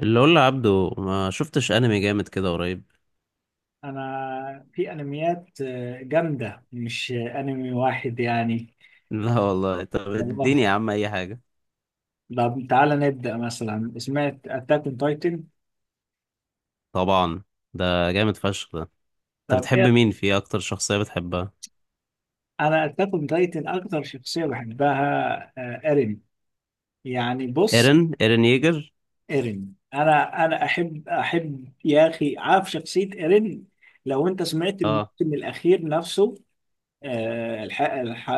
اللي اقول لعبده ما شفتش انمي جامد كده قريب. انا في انميات جامده، مش انمي واحد يعني. لا والله، طب والله. اديني يا عم اي حاجه. طب تعالى نبدا مثلا، سمعت اتاك اون تايتن؟ طبعا. ده جامد فشخ ده. انت طب بتحب ايه؟ مين فيه؟ اكتر شخصيه بتحبها؟ انا اتاك اون تايتن اكتر شخصيه بحبها ايرين. يعني بص، ايرن ييجر. ايرين، انا احب يا اخي، عارف شخصيه ايرين؟ لو انت سمعت الموسم اه. الاخير نفسه. آه، الح... الح...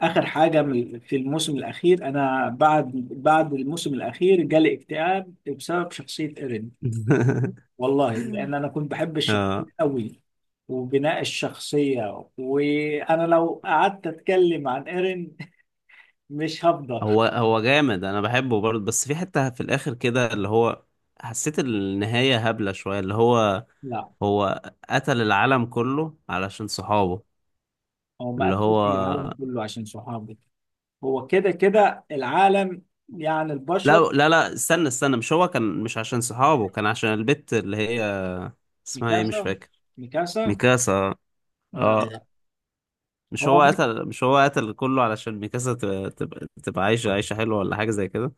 آخر حاجة في الموسم الأخير، أنا بعد الموسم الأخير جالي اكتئاب بسبب شخصية إيرين. والله، لأن أنا كنت بحب الشخصية اه، أوي، وبناء الشخصية، وأنا لو قعدت أتكلم عن إيرين مش هفضل. هو جامد، انا بحبه برضه، بس في حته في الاخر كده، اللي هو حسيت النهايه هبله شويه، اللي هو لا، هو قتل العالم كله علشان صحابه. هو ما اللي قتلش هو العالم كله عشان صحابه، هو كده كده العالم، يعني لا البشر. لا لا، استنى استنى، مش هو كان، مش عشان صحابه، كان عشان البت اللي هي اسمها ايه، مش ميكاسا، فاكر. ميكاسا. ميكاسا. لا، اه. لا. هو، مش هو قتل كله علشان ميكاسا تبقى عايشة عيشة حلوة ولا حاجة زي كده.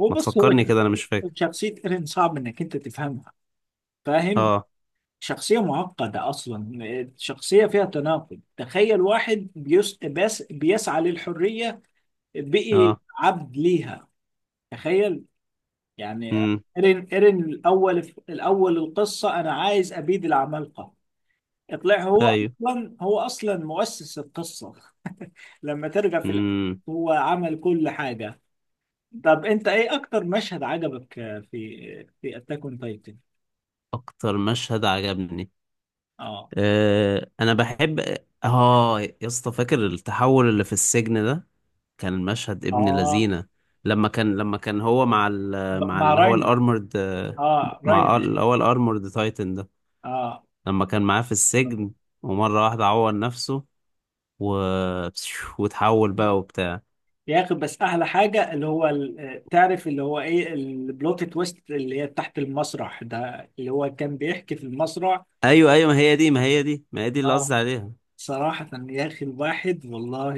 هو ما بص، هو، تفكرني كده، انا مش فاكر. شخصية ايرين صعب انك انت تفهمها، فاهم؟ اه. شخصية معقدة اصلا، شخصية فيها تناقض. تخيل واحد بس بيسعى للحرية بقي اه. عبد ليها. تخيل، يعني. امم ايرين، الاول القصة انا عايز ابيد العمالقة، اطلع هو ايوه. اصلا هو اصلا مؤسس القصة. لما ترجع في الاخر، امم هو عمل كل حاجة. طب انت ايه اكتر مشهد عجبك؟ في اتاك اون تايتن؟ اكتر مشهد عجبني. اه، انا بحب. اه يا اسطى، فاكر التحول اللي في السجن ده؟ كان المشهد ابن اه، لذينه. لما كان هو مع ال... مع مع اللي هو راينا. الارمورد. اه، مع ال- راينا. اللي هو الارمورد تايتن ده. اه، لما كان معاه في السجن ومرة واحدة عور نفسه و... وتحول بقى وبتاع. بياخد، بس احلى حاجه اللي هو تعرف اللي هو ايه؟ البلوت تويست اللي هي تحت المسرح ده، اللي هو كان بيحكي في المسرح. ايوه ايوه، ما هي دي ما هي دي ما هي دي اللي اه، قصدي عليها. صراحة يا أخي، الواحد والله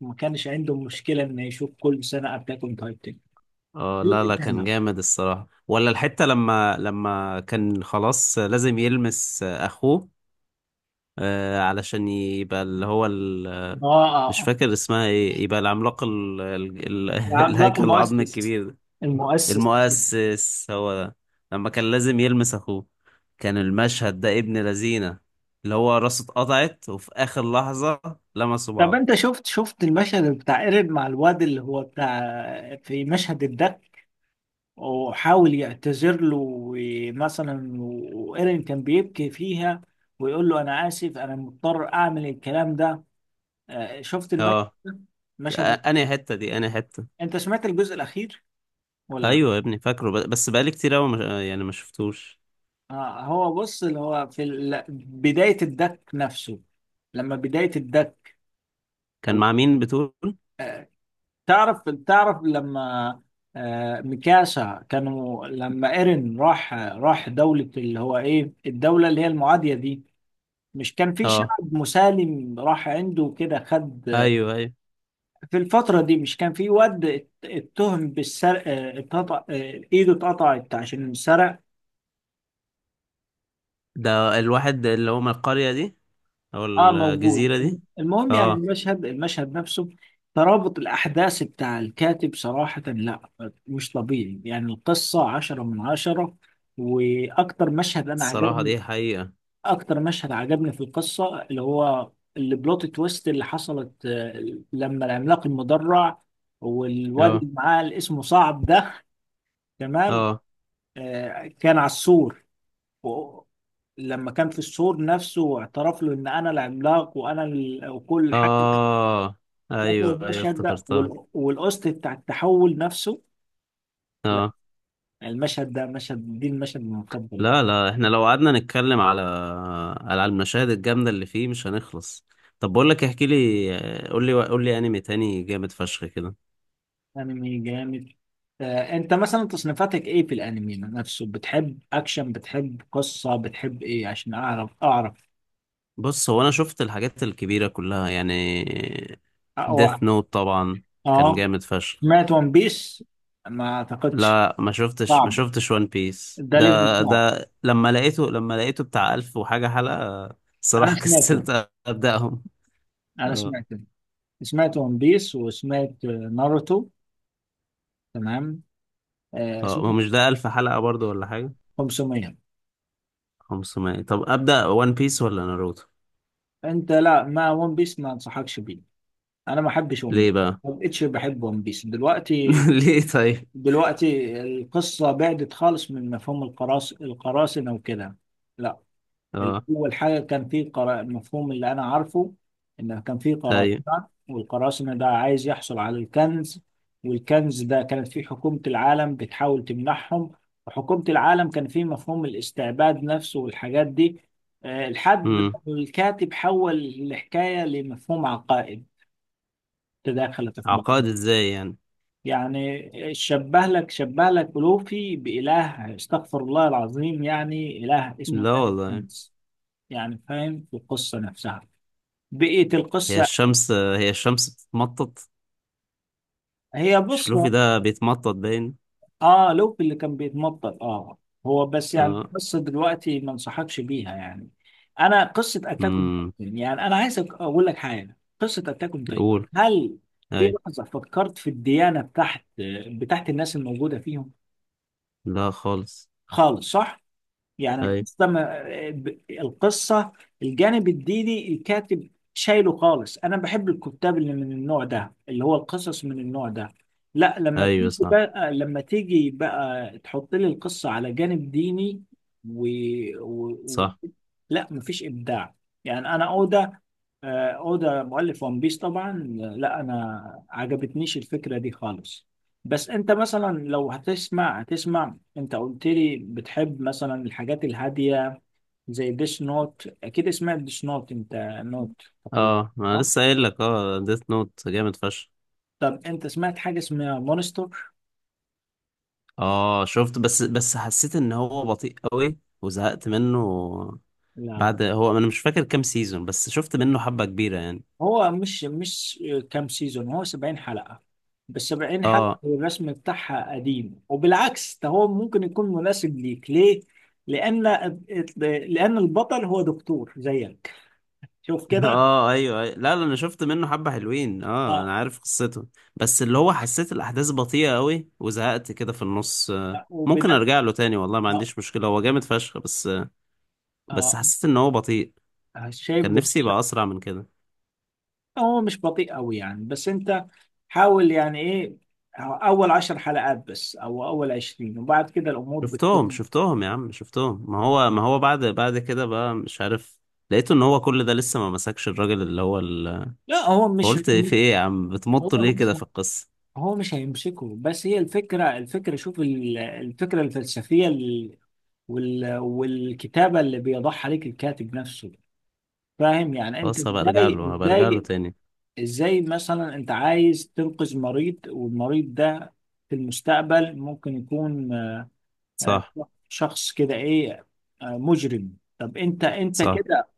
ما كانش عنده مشكلة إنه يشوف كل سنة أتاك أون تايتن. اه، لا لا، كان جامد الصراحة. ولا الحتة لما كان خلاص لازم يلمس اخوه علشان يبقى اللي هو ال... آه، مش آه، فاكر اسمها ايه، يبقى العملاق ال... ال... ال... العملاق الهيكل العظمي المؤسس، الكبير ده. المؤسس. المؤسس هو ده. لما كان لازم يلمس اخوه، كان المشهد ده ابن لذينه، اللي هو راسه اتقطعت وفي اخر لحظة لمسوا طب بعض. انت شفت المشهد بتاع ايرين مع الواد اللي هو بتاع في مشهد الدك، وحاول يعتذر له ومثلا، وايرين كان بيبكي فيها، ويقول له انا اسف، انا مضطر اعمل الكلام ده. شفت المشهد اه، ده؟ المشهد ده؟ انا حتة دي انا حتة. انت سمعت الجزء الاخير ولا لا؟ ايوه يا ابني، فاكره، ب- بس بقالي كتير قوي، يعني ما شفتوش. هو بص، اللي هو في بداية الدك نفسه، لما بداية الدك. كان مع مين بتقول؟ تعرف لما، ميكاسا، كانوا لما ايرين راح دولة، اللي هو ايه الدولة اللي هي المعادية دي، مش كان في اه، شعب مسالم راح عنده كده، خد. ايوه ايوه. في الفترة دي مش كان في واد اتهم بالسرقة، اتقطع، ايده اتقطعت عشان سرق. ده الواحد اللي هو من القرية دي او اه، موجود. الجزيرة دي. المهم، يعني اه، المشهد نفسه، ترابط الأحداث بتاع الكاتب صراحة لا، مش طبيعي. يعني القصة 10 من 10. وأكتر مشهد أنا الصراحة عجبني، دي حقيقة. أكتر مشهد عجبني في القصة اللي هو البلوت تويست اللي حصلت، لما العملاق المدرع والواد اه، اللي معاه، اللي اسمه صعب ده، تمام، اه، كان على السور، و- لما كان في السور نفسه واعترف له ان انا العملاق وانا وكل حاجه. اه، فاكر ايوه ايوه المشهد ده افتكرتها. والقسط بتاع التحول نفسه. لا، اه، المشهد ده، مشهد دي المشهد المفضل. لا لا، احنا لو قعدنا نتكلم على المشاهد الجامدة اللي فيه مش هنخلص. طب بقول لك، احكي لي، قول لي قول لي انمي تاني جامد فشخ كده. انمي جامد. انت مثلا تصنيفاتك ايه في الانمي نفسه؟ بتحب اكشن، بتحب قصة، بتحب ايه؟ عشان اعرف. بص، هو انا شفت الحاجات الكبيرة كلها يعني. اه. ديث نوت طبعا، كان آه. جامد فشخ. سمعت ون بيس؟ ما اعتقدش. لا، ما شفتش ما صعب، شفتش وان بيس ده ليفل ده. صعب. ده لما لقيته بتاع ألف وحاجة حلقة. انا صراحة سمعته كسلت أبدأهم. انا اه، سمعته سمعت ون بيس، وسمعت ناروتو. تمام. آه اه، ما سمعت. مش ده ألف حلقة برضو ولا حاجة. 500. 500. طب أبدأ وان بيس ولا ناروتو؟ انت، لا، ما ون بيس ما انصحكش بيه، انا ما بحبش ون بيس، ليه بقى؟ ما بقتش بحب ون بيس دلوقتي. ليه طيب؟ دلوقتي القصه بعدت خالص من مفهوم القراصنه وكده. لا، اه، اول حاجه كان في المفهوم اللي انا عارفه، ان كان في ايوه. قراصنه، والقراصنه ده عايز يحصل على الكنز، والكنز ده كانت فيه حكومه العالم بتحاول تمنحهم، وحكومه العالم كان فيه مفهوم الاستعباد نفسه والحاجات دي، لحد ما امم الكاتب حول الحكايه لمفهوم عقائد تداخلت في بعض. عقاد ازاي يعني؟ يعني شبه لك ألوفي بإله، استغفر الله العظيم، يعني إله اسمه لا إله والله. الشمس، يعني فاهم؟ في القصة نفسها، بقية هي القصة. الشمس هي الشمس بتتمطط؟ هي، مش بص. لوفي ده بيتمطط باين. اه، لوفي اللي كان بيتمطر، اه. هو بس يعني اه. قصة دلوقتي ما انصحكش بيها يعني. أنا قصة أتاك أون امم تايتن يعني، أنا عايز أقول لك حاجة، قصة أتاك أون تايتن، يقول. هل في ايوه. لحظة فكرت في الديانة بتاعت الناس الموجودة فيهم؟ لا خالص. خالص، صح؟ يعني ايوه القصة، ما القصة، الجانب الديني الكاتب شايله خالص. أنا بحب الكتاب اللي من النوع ده، اللي هو القصص من النوع ده. لا، لما ايوه، تيجي صح بقى لما تيجي بقى تحط لي القصة على جانب ديني و... و... و... صح. لا مفيش إبداع. يعني أنا أوضة، اودا مؤلف ون بيس طبعا. لا، انا عجبتنيش الفكره دي خالص. بس انت مثلا، لو هتسمع، انت قلت لي بتحب مثلا الحاجات الهاديه، زي ديس نوت، اكيد سمعت ديس نوت انت، نوت تقريبا، اه ما أنا صح؟ لسه قايل لك، ديث نوت جامد فشخ. طب انت سمعت حاجه اسمها مونستر؟ اه، شفت، بس حسيت ان هو بطيء قوي وزهقت منه. لا، بعد، هو انا مش فاكر كام سيزون، بس شفت منه حبة كبيرة يعني. هو مش كام سيزون. هو 70 حلقة، بس 70 حلقة اه. الرسم بتاعها قديم، وبالعكس ده هو ممكن يكون مناسب ليك. ليه؟ لأن لأن البطل هو دكتور زيك. شوف كده. اه، ايوه، أيوة. لا لا، انا شفت منه حبة حلوين، اه انا اه، عارف قصته. بس اللي هو حسيت الاحداث بطيئة قوي وزهقت كده في النص. ممكن وبناء، ارجع له تاني، والله ما اه، عنديش مشكلة، هو جامد فشخ بس. بس اه، حسيت ان هو بطيء، شايف كان بناء نفسي يبقى اسرع من كده. هو مش بطيء قوي يعني، بس انت حاول، يعني ايه، اول 10 حلقات بس او اول 20 وبعد كده الامور شفتهم بتكون. شفتهم يا عم شفتهم، ما هو بعد كده بقى مش عارف. لقيته ان هو كل ده لسه ما مسكش الراجل اللي هو ال... لا، فقلت في ايه يا عم، هو بتمطوا ليه كده مش في القصة؟ هو مش هيمسكه، بس هي الفكرة شوف الفكرة الفلسفية والكتابة اللي بيضعها عليك الكاتب نفسه، فاهم؟ يعني انت خلاص، هبقى ارجع ازاي له هبقى ارجع له ازاي تاني. ازاي مثلا، انت عايز تنقذ مريض، والمريض ده في المستقبل ممكن يكون آه، صح شخص كده، ايه، مجرم. طب انت صح، كده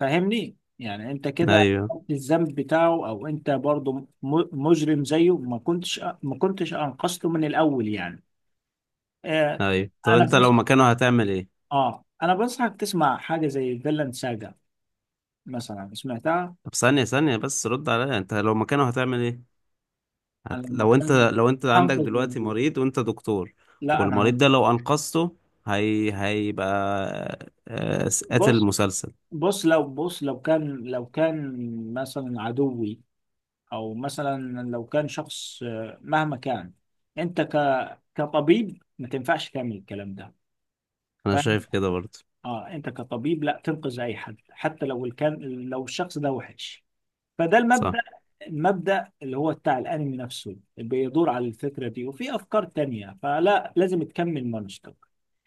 فاهمني، يعني انت كده ايوه الذنب بتاعه، او انت برضو مجرم زيه. ما كنتش انقذته من الاول يعني. آه. ايوه. طب انا انت لو بنصح، مكانه هتعمل ايه؟ اه، انا بنصحك تسمع حاجه زي فيلاند ساجا مثلا. سمعتها؟ طب ثانية ثانية، بس رد عليا، انت لو مكانه هتعمل ايه؟ انا هت... لما لو انت كان لو انت عندك هنقذ دلوقتي المدير، مريض وانت دكتور، لا انا والمريض ده هنقذ. لو انقذته، هي... هيبقى قاتل بص مسلسل. بص لو بص، لو كان مثلا عدوي، او مثلا لو كان شخص مهما كان، انت كطبيب ما تنفعش تعمل الكلام ده. انا شايف كده برضه. اه، انت كطبيب لا تنقذ اي حد، حتى لو كان، لو الشخص ده وحش، فده المبدأ، صح. المبدأ اللي هو بتاع الانمي نفسه، اللي بيدور على الفكرة دي وفي افكار تانية، فلا لازم تكمل مانشتك.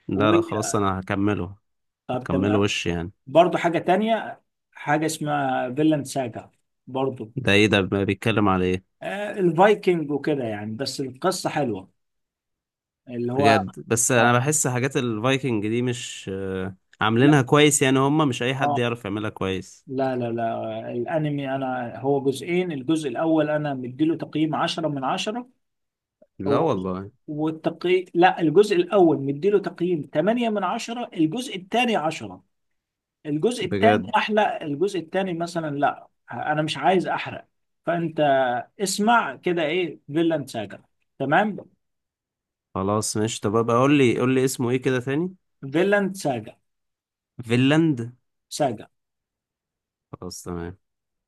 لا و لا، خلاص انا هكمله. طب هكمله تمام. وش يعني. برضه حاجة تانية، حاجة اسمها فيلاند ساجا برضه. ده ايه ده، بيتكلم على ايه؟ الفايكنج وكده يعني، بس القصة حلوة، اللي هو، بجد؟ بس اه. انا بحس حاجات الفايكنج دي مش لا، عاملينها كويس، يعني هم مش اي حد اه، يعرف يعملها كويس. لا، لا، لا، الانمي انا هو جزئين، الجزء الاول انا مديله تقييم 10 من 10، لا هو، والله. والتقي، لا، الجزء الاول مديله تقييم 8 من 10، الجزء الثاني 10. الجزء الثاني بجد. احلى، الجزء الثاني مثلا، لا انا مش عايز احرق. فانت، اسمع كده، ايه، فيلاند ساجا. تمام. خلاص ماشي، طب ابقى قول لي قول لي اسمه ايه كده تاني. فيلاند ساجا، فينلاند. ساجا. خلاص تمام.